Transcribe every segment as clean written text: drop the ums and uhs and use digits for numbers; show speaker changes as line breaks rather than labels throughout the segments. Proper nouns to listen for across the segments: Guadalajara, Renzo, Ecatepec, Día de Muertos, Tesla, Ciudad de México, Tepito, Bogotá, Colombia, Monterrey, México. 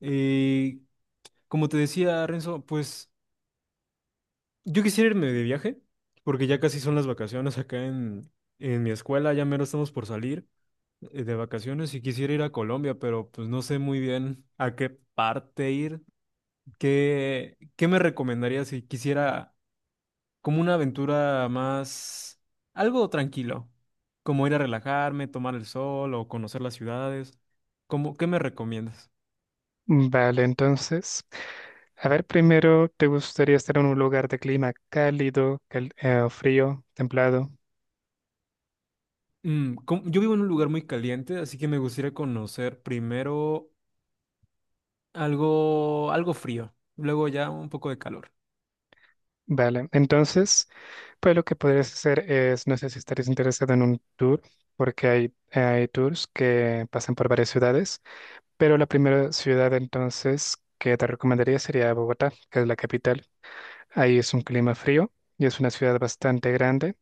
Eh, Como te decía, Renzo, pues yo quisiera irme de viaje, porque ya casi son las vacaciones acá en mi escuela, ya mero estamos por salir de vacaciones y quisiera ir a Colombia, pero pues no sé muy bien a qué parte ir. ¿Qué me recomendarías si quisiera como una aventura más, algo tranquilo, como ir a relajarme, tomar el sol o conocer las ciudades? ¿Qué me recomiendas?
Vale, entonces, a ver, primero, ¿te gustaría estar en un lugar de clima cálido, o frío, templado?
Yo vivo en un lugar muy caliente, así que me gustaría conocer primero algo frío, luego ya un poco de calor.
Vale, entonces, pues lo que podrías hacer es, no sé si estarías interesado en un tour, porque hay tours que pasan por varias ciudades, pero la primera ciudad entonces que te recomendaría sería Bogotá, que es la capital. Ahí es un clima frío y es una ciudad bastante grande.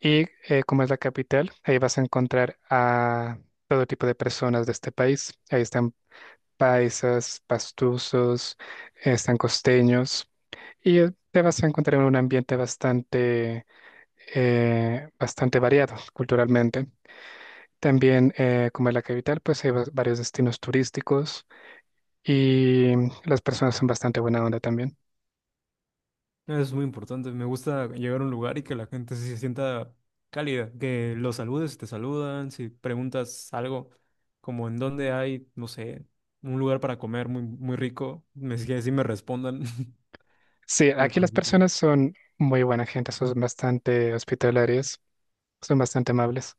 Y como es la capital, ahí vas a encontrar a todo tipo de personas de este país. Ahí están paisas, pastusos, están costeños. Y te vas a encontrar en un ambiente bastante variado culturalmente. También, como es la capital, pues hay varios destinos turísticos y las personas son bastante buena onda también.
Eso es muy importante. Me gusta llegar a un lugar y que la gente se sienta cálida, que los saludes, si te saludan, si preguntas algo como en dónde hay, no sé, un lugar para comer muy rico, si me respondan.
Sí,
Lo
aquí las
considero.
personas son muy buena gente, son bastante hospitalarias, son bastante amables.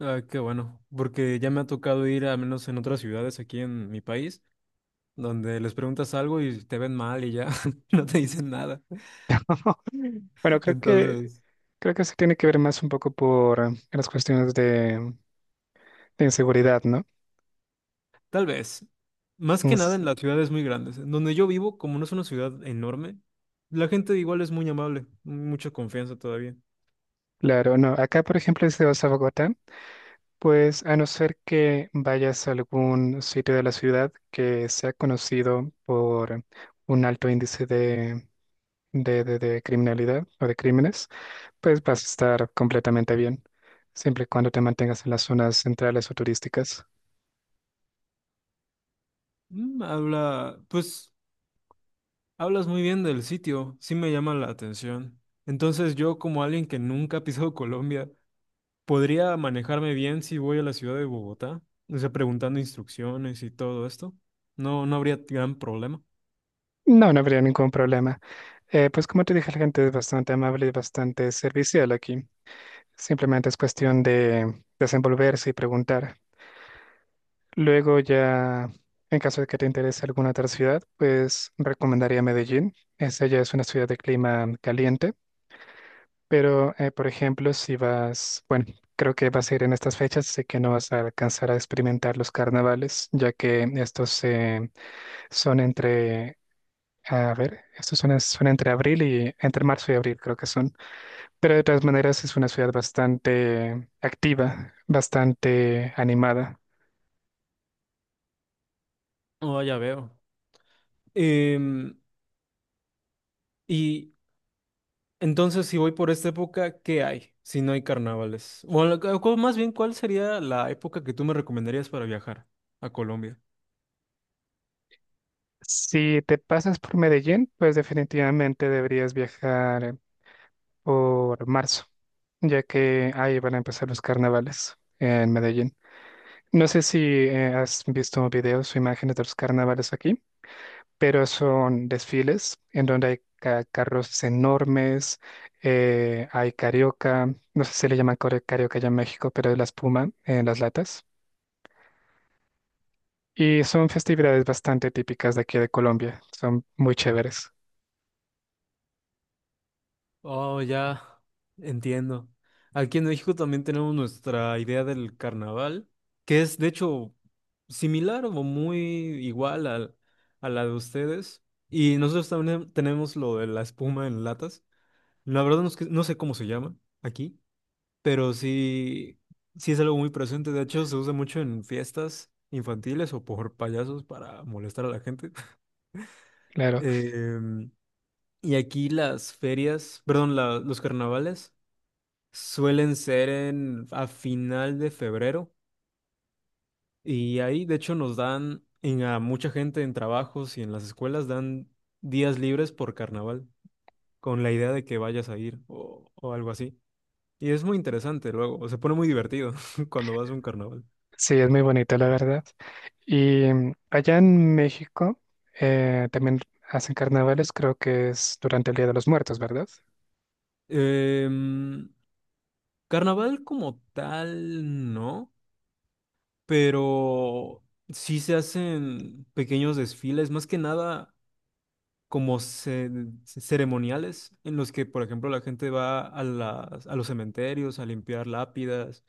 Ah, qué bueno, porque ya me ha tocado ir, al menos en otras ciudades aquí en mi país, donde les preguntas algo y te ven mal y ya no te dicen nada.
Bueno, creo que
Entonces,
Creo que eso tiene que ver más un poco por las cuestiones de inseguridad, ¿no?
tal vez, más que nada
Es-
en las ciudades muy grandes, en donde yo vivo, como no es una ciudad enorme, la gente igual es muy amable, mucha confianza todavía.
claro, no. Acá, por ejemplo, si vas a Bogotá, pues a no ser que vayas a algún sitio de la ciudad que sea conocido por un alto índice de, de criminalidad o de crímenes, pues vas a estar completamente bien, siempre y cuando te mantengas en las zonas centrales o turísticas.
Mm, Habla, pues, Hablas muy bien del sitio, sí me llama la atención. Entonces, yo como alguien que nunca ha pisado Colombia, ¿podría manejarme bien si voy a la ciudad de Bogotá? O sea, preguntando instrucciones y todo esto. No habría gran problema.
No, no habría ningún problema. Pues como te dije, la gente es bastante amable y bastante servicial aquí. Simplemente es cuestión de desenvolverse y preguntar. Luego ya, en caso de que te interese alguna otra ciudad, pues recomendaría Medellín. Esa ya es una ciudad de clima caliente, pero por ejemplo, si vas, bueno, creo que vas a ir en estas fechas, sé que no vas a alcanzar a experimentar los carnavales, ya que son entre, estos son entre abril y, entre marzo y abril, creo que son. Pero de todas maneras es una ciudad bastante activa, bastante animada.
Oh, ya veo. Em, y entonces, si voy por esta época, ¿qué hay si no hay carnavales? O la- o cu- Más bien, ¿cuál sería la época que tú me recomendarías para viajar a Colombia?
Si te pasas por Medellín, pues definitivamente deberías viajar por marzo, ya que ahí van a empezar los carnavales en Medellín. No sé si has visto videos o imágenes de los carnavales aquí, pero son desfiles en donde hay carros enormes, hay carioca, no sé si le llaman carioca ya en México, pero es la espuma en las latas. Y son festividades bastante típicas de aquí de Colombia. Son muy chéveres,
Oh, ya entiendo. Aquí en México también tenemos nuestra idea del carnaval, que es de hecho similar o muy igual a la de ustedes. Y nosotros también tenemos lo de la espuma en latas. La verdad no sé cómo se llama aquí, pero sí, sí es algo muy presente. De hecho, se usa mucho en fiestas infantiles o por payasos para molestar a la gente.
claro.
Em, y aquí las ferias, perdón, los carnavales suelen ser a final de febrero. Y ahí, de hecho, nos dan a mucha gente en trabajos y en las escuelas dan días libres por carnaval, con la idea de que vayas a ir o algo así. Y es muy interesante luego, se pone muy divertido cuando vas a un carnaval.
Sí, es muy bonito, la verdad. Y allá en México también hacen carnavales, creo que es durante el Día de los Muertos, ¿verdad?
Em, Carnaval como tal, no, pero sí se hacen pequeños desfiles, más que nada como ceremoniales, en los que, por ejemplo, la gente va a a los cementerios a limpiar lápidas,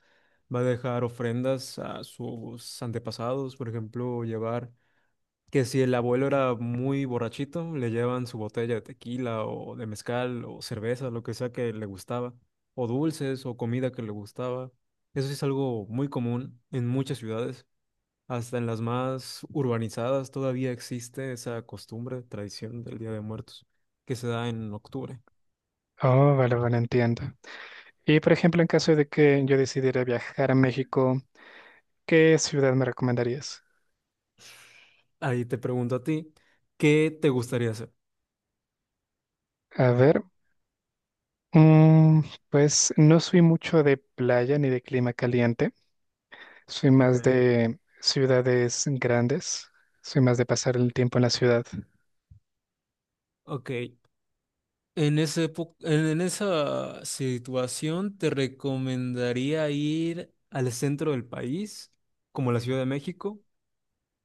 va a dejar ofrendas a sus antepasados, por ejemplo, llevar que si el abuelo era muy borrachito, le llevan su botella de tequila o de mezcal o cerveza, lo que sea que le gustaba, o dulces o comida que le gustaba. Eso sí es algo muy común en muchas ciudades, hasta en las más urbanizadas todavía existe esa costumbre, tradición del Día de Muertos, que se da en octubre.
Oh, vale, vale, entiendo. Y por ejemplo, en caso de que yo decidiera viajar a México, ¿qué ciudad me recomendarías?
Ahí te pregunto a ti, ¿qué te gustaría hacer?
A ver, mm, pues no soy mucho de playa ni de clima caliente, soy
Ok,
más de ciudades grandes, soy más de pasar el tiempo en la ciudad.
ok. En en esa situación te recomendaría ir al centro del país, como la Ciudad de México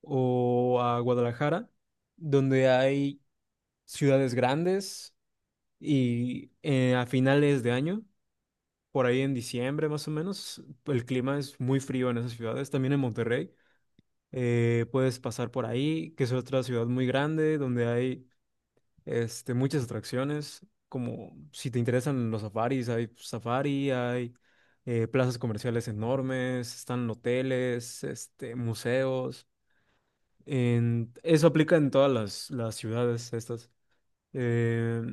o a Guadalajara, donde hay ciudades grandes y a finales de año, por ahí en diciembre más o menos, el clima es muy frío en esas ciudades, también en Monterrey. Puedes pasar por ahí, que es otra ciudad muy grande, donde hay este, muchas atracciones, como si te interesan los safaris, hay safari, hay plazas comerciales enormes, están hoteles, este, museos. Eso aplica en todas las ciudades estas. Eh,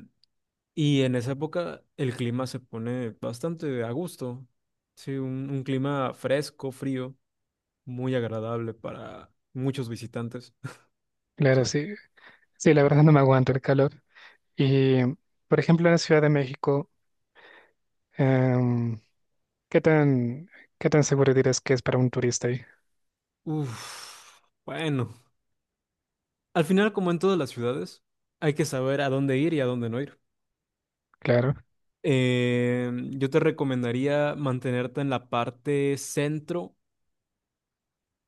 y en esa época el clima se pone bastante a gusto. Sí, un clima fresco, frío, muy agradable para muchos visitantes.
Claro,
Sí.
sí, sí, la verdad no me aguanto el calor. Y, por ejemplo, en la Ciudad de México, em, ¿qué tan, qué tan seguro dirás que es para un turista ahí?
Uf, bueno. Al final, como en todas las ciudades, hay que saber a dónde ir y a dónde no ir.
Claro,
Yo te recomendaría mantenerte en la parte centro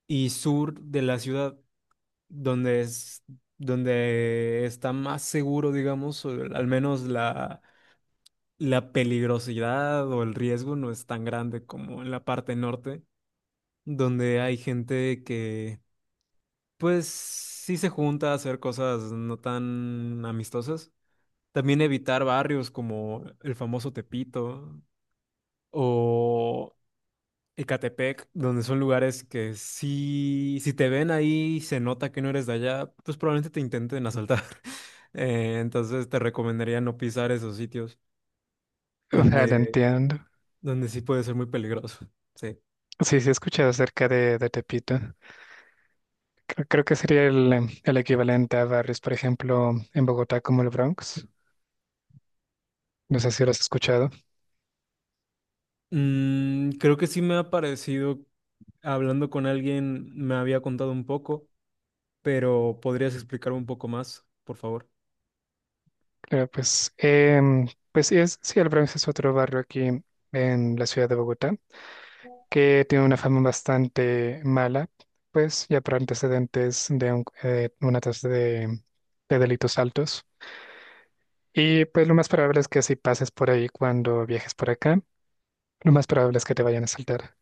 y sur de la ciudad, donde es, donde está más seguro, digamos, o al menos la peligrosidad o el riesgo no es tan grande como en la parte norte, donde hay gente que, pues, sí se junta a hacer cosas no tan amistosas. También evitar barrios como el famoso Tepito o Ecatepec, donde son lugares que si te ven ahí y se nota que no eres de allá, pues probablemente te intenten asaltar. Entonces te recomendaría no pisar esos sitios
vale,
donde,
entiendo.
donde sí puede ser muy peligroso. Sí.
Sí, sí, he escuchado acerca de Tepito. Creo que sería el equivalente a barrios, por ejemplo, en Bogotá como el Bronx. No sé si lo has escuchado.
Mm, creo que sí me ha parecido, hablando con alguien, me había contado un poco, pero ¿podrías explicar un poco más, por favor?
Claro, pues, pues sí es, sí, el Bronx es otro barrio aquí en la ciudad de Bogotá que tiene una fama bastante mala, pues ya por antecedentes de una tasa de delitos altos. Y pues lo más probable es que si pases por ahí cuando viajes por acá, lo más probable es que te vayan a asaltar.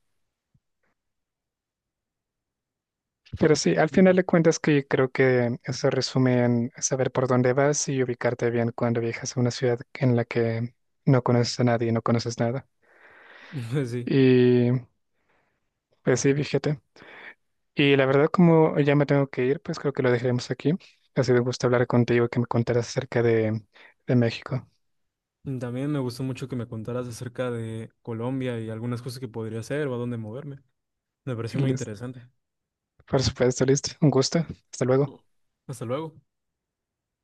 Pero sí, al
Mm.
final de cuentas que creo que eso resume en saber por dónde vas y ubicarte bien cuando viajas a una ciudad en la que no conoces a nadie y no conoces nada.
Sí.
Y pues sí, fíjate. Y la verdad, como ya me tengo que ir, pues creo que lo dejaremos aquí. Ha sido un gusto hablar contigo y que me contaras acerca de México.
También me gustó mucho que me contaras acerca de Colombia y algunas cosas que podría hacer o a dónde moverme. Me pareció muy
Lis-
interesante.
Por supuesto, listo. Un gusto. Hasta luego.
Hasta luego.